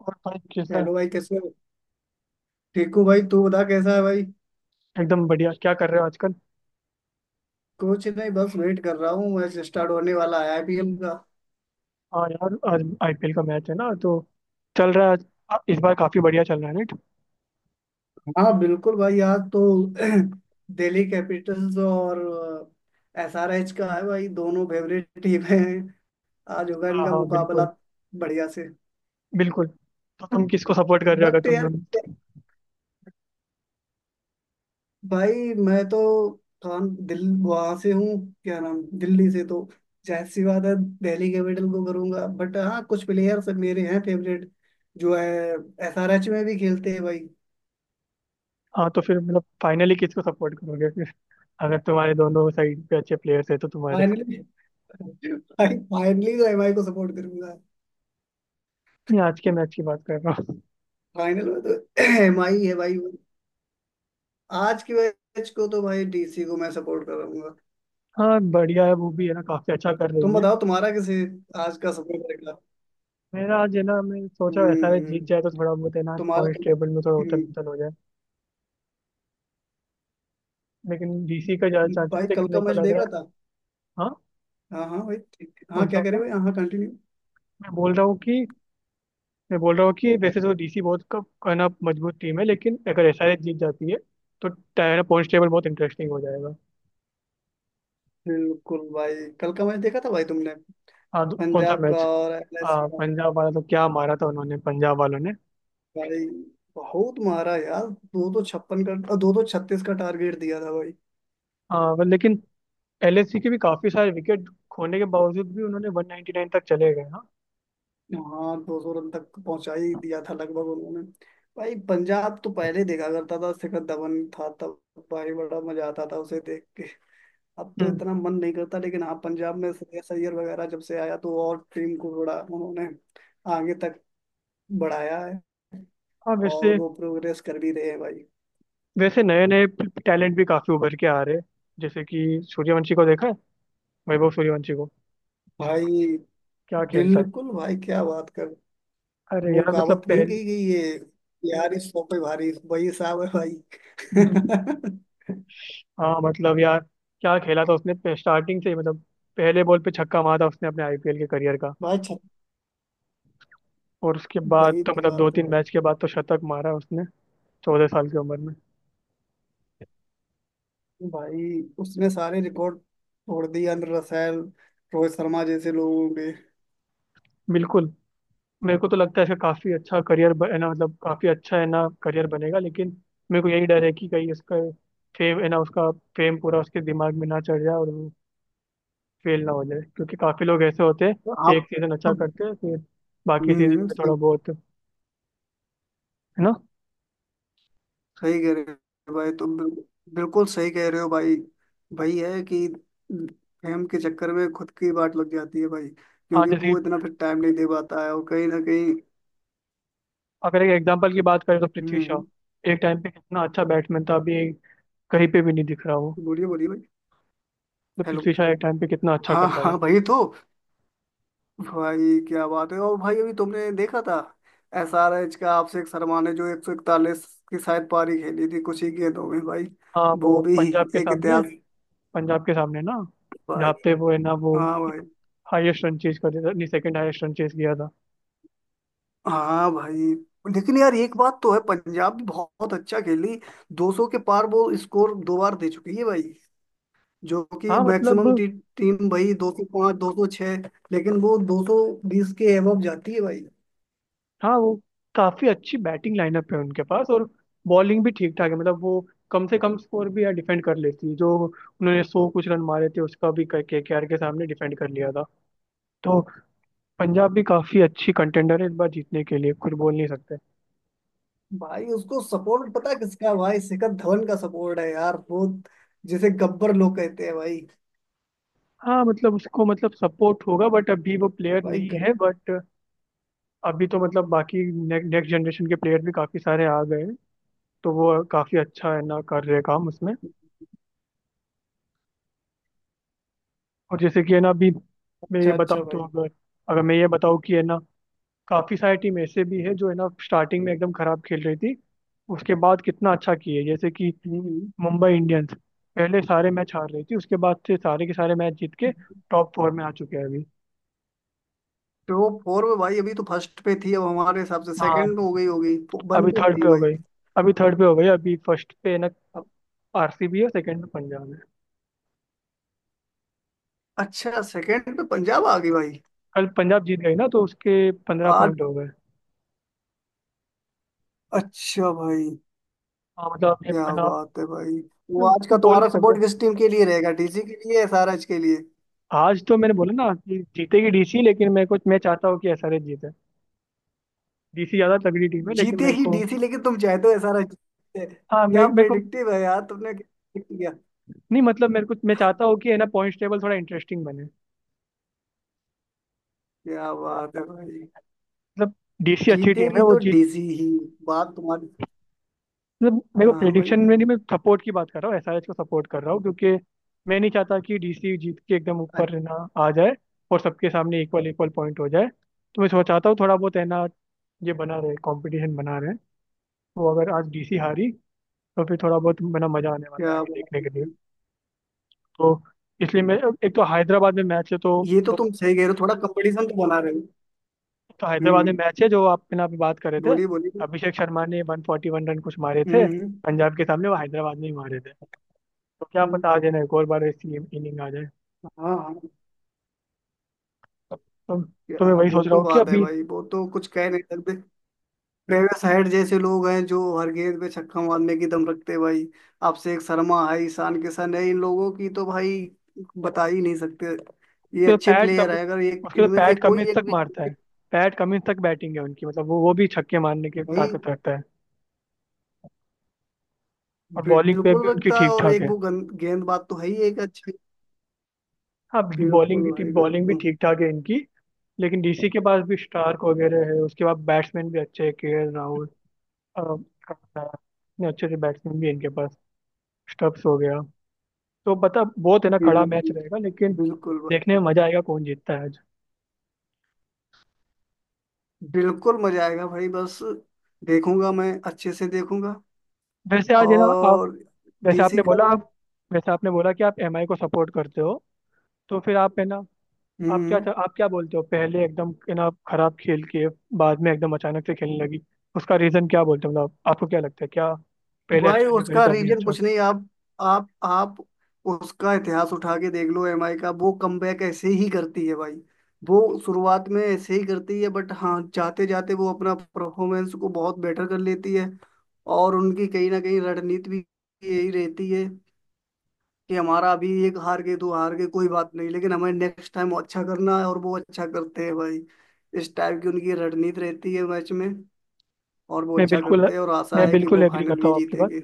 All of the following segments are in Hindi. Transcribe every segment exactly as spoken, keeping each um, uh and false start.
और भाई कैसा है। हेलो भाई, कैसे हो? ठीक हूँ भाई। तू बता कैसा है भाई? एकदम बढ़िया, क्या कर रहे हो आजकल। कुछ नहीं, बस वेट कर रहा हूँ। मैच स्टार्ट होने वाला है आईपीएल का। हाँ यार, आज आईपीएल का मैच है ना, तो चल रहा है आज। आ, इस बार काफी बढ़िया चल रहा है नेट। हाँ बिल्कुल भाई, आज तो दिल्ली कैपिटल्स और एसआरएच का है भाई। दोनों फेवरेट टीम है। आज होगा हाँ इनका हाँ मुकाबला बिल्कुल। बढ़िया से। बिल्कुल। तो तुम किसको सपोर्ट कर रहे हो, अगर बट तुम यार, दोनों। भाई मैं तो कान दिल वहां से हूँ, क्या नाम, दिल्ली से तो जाहिर सी बात है दिल्ली कैपिटल को करूंगा। बट हाँ कुछ प्लेयर्स मेरे हैं फेवरेट जो है एसआरएच में भी खेलते हैं भाई। हाँ तो फिर मतलब फाइनली किसको सपोर्ट करोगे फिर, अगर तुम्हारे दोनों साइड पे अच्छे प्लेयर्स है तो तुम्हारे। फाइनली भाई, फाइनली तो एमआई को सपोर्ट करूंगा। नहीं आज के मैच की बात कर रहा हूँ। फाइनल में तो एमआई है भाई। आज की मैच को तो भाई डीसी को मैं सपोर्ट करूंगा। हाँ बढ़िया है, वो भी है ना काफी अच्छा कर तुम रही है। बताओ तुम्हारा किसे आज का सपोर्ट करेगा? मेरा आज है ना, मैं सोचा ऐसा है जीत हम्म, जाए तो थोड़ा बहुत है ना तुम्हारा पॉइंट तो टेबल में थोड़ा उथल हम्म, पुथल हो जाए। लेकिन डीसी का ज्यादा चांस भाई है, कल लेकिन का मेरे को मैच लग रहा है। देखा? हाँ। हाँ हाँ भाई ठीक, हाँ कौन सा क्या करे वाला? भाई, हाँ हाँ कंटिन्यू। मैं बोल रहा हूँ कि मैं बोल रहा हूँ कि वैसे तो डीसी बहुत का कहना मजबूत टीम है, लेकिन अगर एसआरएच जीत जाती है तो टायर पॉइंट टेबल बहुत इंटरेस्टिंग हो जाएगा। बिल्कुल भाई, कल का मैच देखा था भाई तुमने? हाँ तो कौन सा पंजाब मैच। का और एलआईसी हाँ का। पंजाब वाला तो क्या मारा था उन्होंने, पंजाब वालों ने। भाई बहुत मारा यार, दो दो छप्पन का अ, दो दो छत्तीस का टारगेट दिया था भाई। हाँ पर लेकिन एलएससी के भी काफी सारे विकेट खोने के बावजूद भी उन्होंने वन नाइन्टी नाइन तक चले गए हाँ। हाँ दो सौ रन तक पहुंचा ही दिया था लगभग उन्होंने। भाई पंजाब तो पहले ही देखा करता था, शिखर धवन था तब भाई, बड़ा मजा आता था उसे देख के। अब तो हम्म इतना मन नहीं करता, लेकिन हाँ पंजाब में श्रेयस अय्यर वगैरह जब से आया तो और टीम को थोड़ा उन्होंने आगे तक बढ़ाया है, हाँ और वैसे। वो प्रोग्रेस कर भी रहे हैं भाई। वैसे नए नए टैलेंट भी काफी उभर के आ रहे हैं, जैसे कि सूर्यवंशी को देखा है, वैभव सूर्यवंशी को। भाई क्या खेलता है। बिल्कुल भाई, क्या बात कर! अरे वो यार मतलब कहावत नहीं पहले कही गई है यार, इस सौ पे भारी वही हिसाब है भाई। हाँ मतलब यार क्या खेला था उसने स्टार्टिंग से ही मतलब, पहले बॉल पे छक्का मारा था उसने अपने आईपीएल के करियर का, भाई छ- और उसके बाद भाई तो तो मतलब दो बात है तीन भाई। मैच के बाद तो शतक मारा उसने, चौदह साल की उम्र में। भाई उसने सारे रिकॉर्ड तोड़ दिए अंदर रसैल रोहित शर्मा जैसे लोगों के। बिल्कुल। मेरे को तो लगता है इसका काफी अच्छा करियर है ना, मतलब काफी अच्छा है ना करियर बनेगा, लेकिन मेरे को यही डर है कि कहीं इसका फेम है ना, उसका फेम पूरा उसके दिमाग में ना चढ़ जाए, और वो फेल ना हो जाए, क्योंकि काफी लोग ऐसे होते हैं एक आप सीजन अच्छा हम्म, करते हैं फिर बाकी सीजन में थोड़ा बहुत है ना। सही कह रहे हो भाई तुम, बिल्कुल बिल्कुल सही कह रहे हो भाई। भाई है कि फेम के चक्कर में खुद की बात लग जाती है भाई, हाँ क्योंकि जैसे वो कि इतना फिर टाइम नहीं दे पाता है और कहीं ना कहीं। अगर एक एग्जांपल की बात करें तो पृथ्वी शॉ हम्म, एक टाइम पे कितना अच्छा बैट्समैन था, अभी कहीं पे भी नहीं दिख रहा वो। बोलिए बोलिए भाई। तो हेलो। पृथ्वी शॉ एक टाइम पे कितना अच्छा हाँ करता था। हाँ भाई, तो भाई क्या बात है, और भाई अभी तुमने देखा था एस आर एच का आपसे शर्मा ने जो एक सौ इकतालीस की शायद पारी खेली थी कुछ ही गेंदों में भाई? हाँ वो वो भी पंजाब के एक सामने, इतिहास पंजाब के सामने ना, भाई। जहाँ पे वो है ना, वो हाँ भाई। हाईएस्ट रन चेज कर दिया था, नहीं सेकंड हाईएस्ट रन चेज किया था। हाँ भाई। लेकिन यार एक बात तो है, पंजाब भी बहुत अच्छा खेली। दो सौ के पार वो स्कोर दो बार दे चुकी है भाई, जो कि हाँ मैक्सिमम मतलब। टी, टीम भाई दो सौ पाँच दो सौ छह, लेकिन वो दो सौ बीस के एबव जाती है भाई। हाँ वो काफी अच्छी बैटिंग लाइनअप है उनके पास, और बॉलिंग भी ठीक ठाक है, मतलब वो कम से कम स्कोर भी यार डिफेंड कर लेती है, जो उन्होंने सौ कुछ रन मारे थे उसका भी के के आर के सामने डिफेंड कर लिया था। तो पंजाब भी काफी अच्छी कंटेंडर है इस बार जीतने के लिए, कुछ बोल नहीं सकते। भाई उसको सपोर्ट पता है किसका है भाई, शिखर धवन का सपोर्ट है यार, वो जिसे गब्बर लोग कहते हैं भाई। हाँ मतलब उसको मतलब सपोर्ट होगा, बट अभी वो प्लेयर भाई नहीं गब्बर। है, बट अभी तो मतलब बाकी नेक्स्ट जनरेशन के प्लेयर भी काफी सारे आ गए हैं, तो वो काफी अच्छा है ना कर रहे हैं काम उसमें। और जैसे कि है ना अभी मैं ये अच्छा अच्छा बताऊँ तो भाई। अगर अगर मैं ये बताऊँ कि है ना काफी सारी टीम ऐसे भी है जो है ना स्टार्टिंग में एकदम खराब खेल रही थी, उसके बाद कितना अच्छा किए, जैसे कि हम्म, मुंबई इंडियंस पहले सारे मैच हार रही थी, उसके बाद से सारे के सारे मैच जीत के टॉप फोर में आ चुके हैं अभी। तो फोर में भाई, अभी तो फर्स्ट पे थी, अब हमारे हिसाब से हाँ सेकंड हो गई होगी। वन अभी पे थर्ड थी पे हो भाई। गई। अभी थर्ड पे हो गई अभी फर्स्ट पे ना आरसीबी है, सेकंड में पंजाब है। अच्छा सेकंड पे पंजाब आ गई भाई? कल पंजाब जीत गई ना, तो उसके पंद्रह आज। पॉइंट हो गए। अच्छा भाई, हाँ मतलब ये क्या पंजाब बात है भाई। वो आज का बोल तुम्हारा नहीं सपोर्ट सकते। किस टीम के लिए रहेगा, डीसी के लिए, एसआरएच के लिए? आज तो मैंने बोला ना कि जीतेगी डीसी, लेकिन मैं को मैं चाहता हूँ कि एसआरएच जीते। डीसी ज्यादा तगड़ी टीम है लेकिन जीते मेरे ही को। डीसी, लेकिन तुम चाहते हो एसआरएच जीते? हाँ मे क्या मेरे को प्रेडिक्टिव है यार, तुमने क्या predict किया? नहीं मतलब, मेरे को मैं चाहता हूँ कि है ना पॉइंट टेबल थोड़ा इंटरेस्टिंग बने, क्या बात है भाई। मतलब डीसी अच्छी टीम है जीतेगी वो, तो डीसी ही बात तुम्हारी। मतलब हाँ मेरे को हाँ भाई। प्रिडिक्शन में नहीं, मैं सपोर्ट की बात कर रहा हूँ, एसआरएच को सपोर्ट कर रहा हूँ क्योंकि मैं नहीं चाहता कि डीसी जीत के एकदम ऊपर है ना आ जाए, और सबके सामने इक्वल इक्वल पॉइंट हो जाए। तो मैं चाहता हूँ थोड़ा बहुत है ना ये बना रहे, कंपटीशन बना रहे। तो अगर आज डीसी हारी तो फिर थोड़ा बहुत मेरा मजा आने वाला है अच्छा आगे बात देखने है के लिए। भाई। तो इसलिए मैं, एक तो हैदराबाद में मैच है तो, ये तो तुम सही कह रहे हो, थोड़ा कंपटीशन तो बना रहे हो। तो हैदराबाद में हम्म, मैच है, जो आप बिना पे बात कर रहे थे, बोलिए बोलिए। अभिषेक शर्मा ने वन फोर्टी वन रन कुछ मारे थे हम्म। पंजाब के सामने, वो हैदराबाद में ही मारे थे, तो क्या हम्म, पता आज है ना एक और बार ऐसी इनिंग आ जाए। हाँ हाँ। तो, तो मैं या, वही वो सोच रहा तो हूँ कि बात है अभी। भाई, वो तो कुछ कह नहीं सकते। ट्रेविस हेड जैसे लोग हैं जो हर गेंद पे छक्का मारने की दम रखते हैं भाई। अभिषेक शर्मा है, ईशान किशन है, इन लोगों की तो भाई बता ही नहीं सकते। ये उसके तो अच्छे पैट कम प्लेयर है, अगर ये उसके तो इनमें से पैट कोई कमिंस तक एक भी मारता है, पैट कमिंस तक बैटिंग है उनकी, मतलब वो वो भी छक्के मारने की भाई ताकत रखता है, और बॉलिंग पे भी बिल्कुल उनकी रखता है। ठीक और ठाक एक है। वो गंद- गेंदबाज तो है ही एक अच्छी। हाँ बॉलिंग बिल्कुल की भाई बॉलिंग भी बिल्कुल। ठीक ठाक है इनकी। लेकिन डीसी के पास भी स्टार्क वगैरह है, उसके बाद बैट्समैन भी अच्छे हैं, के एल राहुल, अ, इतने अच्छे से बैट्समैन भी है इनके पास, स्टब्स हो गया। तो बता बहुत है ना कड़ा मैच बिल्कुल। रहेगा, लेकिन बिल्कुल देखने भाई में मजा आएगा कौन जीतता है आज। बिल्कुल मजा आएगा भाई, बस देखूंगा, मैं अच्छे से देखूंगा। वैसे आज है ना आप, और जैसे डीसी आपने का। बोला आप जैसे आपने बोला कि आप एमआई को सपोर्ट करते हो, तो फिर आप है ना, आप क्या हम्म। आप क्या बोलते हो, पहले एकदम है ना खराब खेल के बाद में एकदम अचानक से खेलने लगी, उसका रीजन क्या बोलते हो, मतलब आपको क्या लगता है क्या पहले भाई अच्छा नहीं करे उसका थे अभी रीजन अच्छा। कुछ नहीं, आप आप आप उसका इतिहास उठा के देख लो एमआई का, वो कमबैक ऐसे ही करती है भाई। वो शुरुआत में ऐसे ही करती है, बट हाँ जाते जाते वो अपना परफॉर्मेंस को बहुत बेटर कर लेती है। और उनकी कहीं ना कहीं रणनीति भी यही रहती है कि हमारा अभी एक हार गए तो हार गए, कोई बात नहीं, लेकिन हमें नेक्स्ट टाइम अच्छा करना है, और वो अच्छा करते हैं भाई। इस टाइप की उनकी रणनीति रहती है मैच में, और वो मैं अच्छा बिल्कुल करते हैं, और आशा मैं है कि बिल्कुल वो एग्री फाइनल करता भी हूँ आपकी बात जीतेंगे।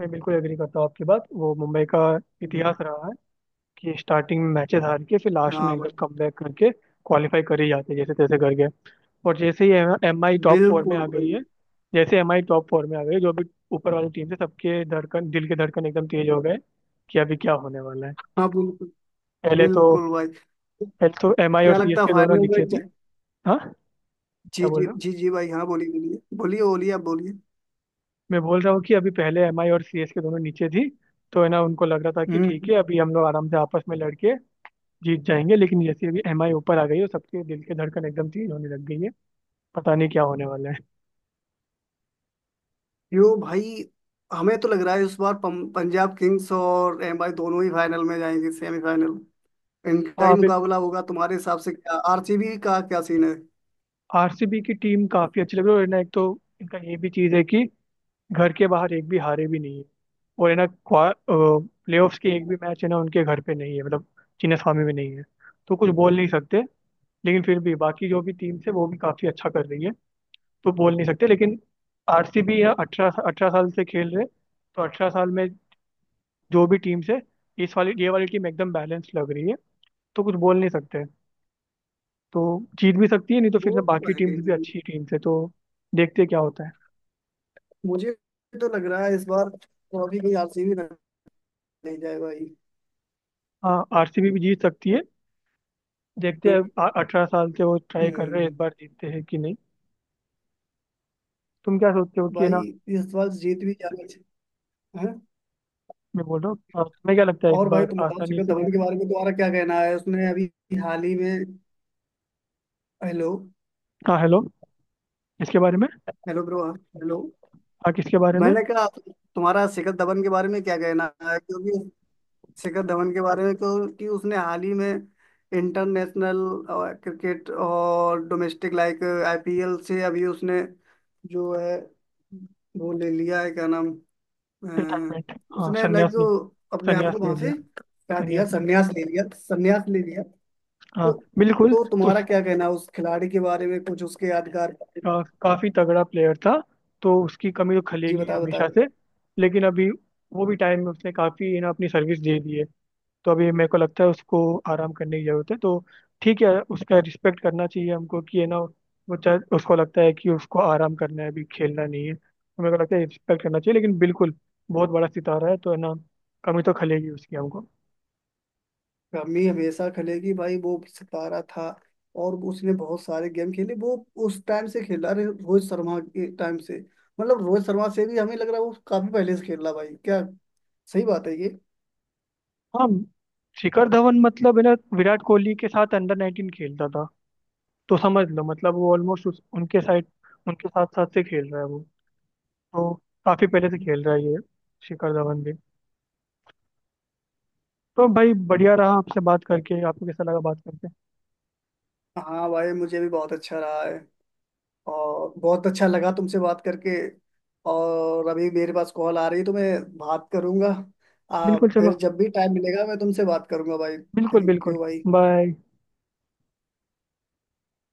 मैं बिल्कुल एग्री करता हूँ आपकी बात, वो मुंबई का हम्म। इतिहास रहा है कि स्टार्टिंग में मैचेस हार के फिर लास्ट में हाँ एकदम भाई। कमबैक करके क्वालिफाई कर ही जाते हैं, जैसे तैसे करके। और जैसे ही एम आई टॉप फोर में बिल्कुल आ गई भाई। है, जैसे एम आई टॉप फोर में आ गई है, जो भी ऊपर वाली टीम थी सबके धड़कन, दिल के धड़कन एकदम तेज हो गए कि अभी क्या होने वाला है। हाँ बिल्कुल। पहले तो बिल्कुल भाई, पहले तो एम आई और क्या सी एस लगता है के दोनों फाइनल में नीचे ज- थी। हाँ क्या जी बोल जी रहा हूँ। जी जी भाई, हाँ बोलिए बोलिए बोलिए बोलिए, आप बोलिए। मैं बोल रहा हूँ कि अभी पहले एम आई और सी एस के दोनों नीचे थी, तो है ना उनको लग रहा था कि ठीक हम्म। है अभी हम लोग आराम से आपस में लड़के जीत जाएंगे, लेकिन जैसे अभी एम आई ऊपर आ गई है तो सबके दिल के धड़कन एकदम तेज होने लग गई है, पता नहीं क्या होने वाला है। यो भाई, हमें तो लग रहा है इस बार पं- पंजाब किंग्स और एमआई दोनों ही फाइनल में जाएंगे, सेमीफाइनल इनका ही हाँ बिल्कुल। मुकाबला होगा। तुम्हारे हिसाब से क्या आरसीबी का क्या सीन है? आरसीबी की टीम काफी अच्छी लग रही है, और है ना एक तो इनका ये भी चीज है कि घर के बाहर एक भी हारे भी नहीं है, और है ना प्लेऑफ्स के एक क्या? भी मैच है ना उनके घर पे नहीं है, मतलब चिन्नास्वामी में नहीं है, तो कुछ बोल नहीं सकते, लेकिन फिर भी बाकी जो भी टीम्स है वो भी काफी अच्छा कर रही है, तो बोल नहीं सकते लेकिन। आरसीबी या अठारह अठारह साल से खेल रहे, तो अठारह साल में जो भी टीम्स है, इस वाली ये वाली टीम एकदम बैलेंस लग रही है तो कुछ बोल नहीं सकते। तो जीत भी सकती है, नहीं तो वो फिर ना बाकी तो है कहीं टीम्स ना भी कहीं। अच्छी टीम्स है तो देखते हैं क्या होता है। मुझे तो लग रहा है इस बार ट्रॉफी कहीं आरसीबी नहीं जाए भाई। हाँ आरसीबी भी जीत सकती है, देखते हैं, अठारह साल के वो ट्राई कर रहे हैं हम्म, इस बार जीतते हैं कि नहीं। तुम क्या सोचते हो कि है भाई ना, ये सवाल जीत भी जाना चाहिए। हैं? मैं बोल रहा हूँ अ, तुम्हें क्या लगता है इस और भाई बार तुम बताओ आसानी शिखर से हो धवन के जाएगा। बारे में तुम्हारा क्या कहना है, उसने अभी हाल ही में? हेलो। हाँ हेलो। इसके बारे में। हेलो ब्रो, हाँ, हेलो। हाँ किसके बारे में। मैंने कहा तुम्हारा शिखर धवन के बारे में क्या कहना है, क्योंकि शिखर धवन के बारे में, क्योंकि उसने हाल ही में इंटरनेशनल क्रिकेट और डोमेस्टिक लाइक आईपीएल से अभी उसने जो है वो ले लिया है, क्या नाम, अ, रिटायरमेंट। हाँ उसने लाइक संन्यास ले अपने आप संन्यास को ले वहां से लिया हटा दिया, संन्यास ले संन्यास ले लिया, संन्यास ले लिया। लिया। हाँ तो बिल्कुल। तो तुम्हारा उस क्या कहना है उस खिलाड़ी के बारे में, कुछ उसके यादगार? अ, काफी तगड़ा प्लेयर था तो उसकी कमी तो जी खलेगी बता बता। हमेशा से, लेकिन अभी वो भी टाइम में उसने काफी है ना अपनी सर्विस दे दी है, तो अभी मेरे को लगता है उसको आराम करने की जरूरत है तो ठीक है, उसका रिस्पेक्ट करना चाहिए हमको कि है ना वो चाहे, उसको लगता है कि उसको आराम करना है अभी खेलना नहीं है, तो मेरे को लगता है रिस्पेक्ट करना चाहिए, लेकिन बिल्कुल बहुत बड़ा सितारा है तो है ना कमी तो खलेगी उसकी हमको। कमी हमेशा खलेगी भाई, वो सितारा था और उसने बहुत सारे गेम खेले। वो उस टाइम से खेला रहे रोहित शर्मा के टाइम से, मतलब रोहित शर्मा से भी हमें लग रहा है वो काफी पहले से खेल रहा भाई, क्या सही बात है ये? हाँ शिखर धवन मतलब है ना विराट कोहली के साथ अंडर नाइनटीन खेलता था, तो समझ लो मतलब वो ऑलमोस्ट उनके साइड उनके साथ साथ से खेल रहा है वो, तो काफी पहले से खेल रहा है ये शिखर धवन भी। तो भाई बढ़िया रहा आपसे बात करके, आपको कैसा लगा बात करके। हाँ भाई, मुझे भी बहुत अच्छा रहा है और बहुत अच्छा लगा तुमसे बात करके। और अभी मेरे पास कॉल आ रही है तो मैं बात करूंगा। आ, बिल्कुल चलो, फिर जब भी टाइम मिलेगा मैं तुमसे बात करूंगा भाई। बिल्कुल थैंक यू बिल्कुल। भाई। बाय।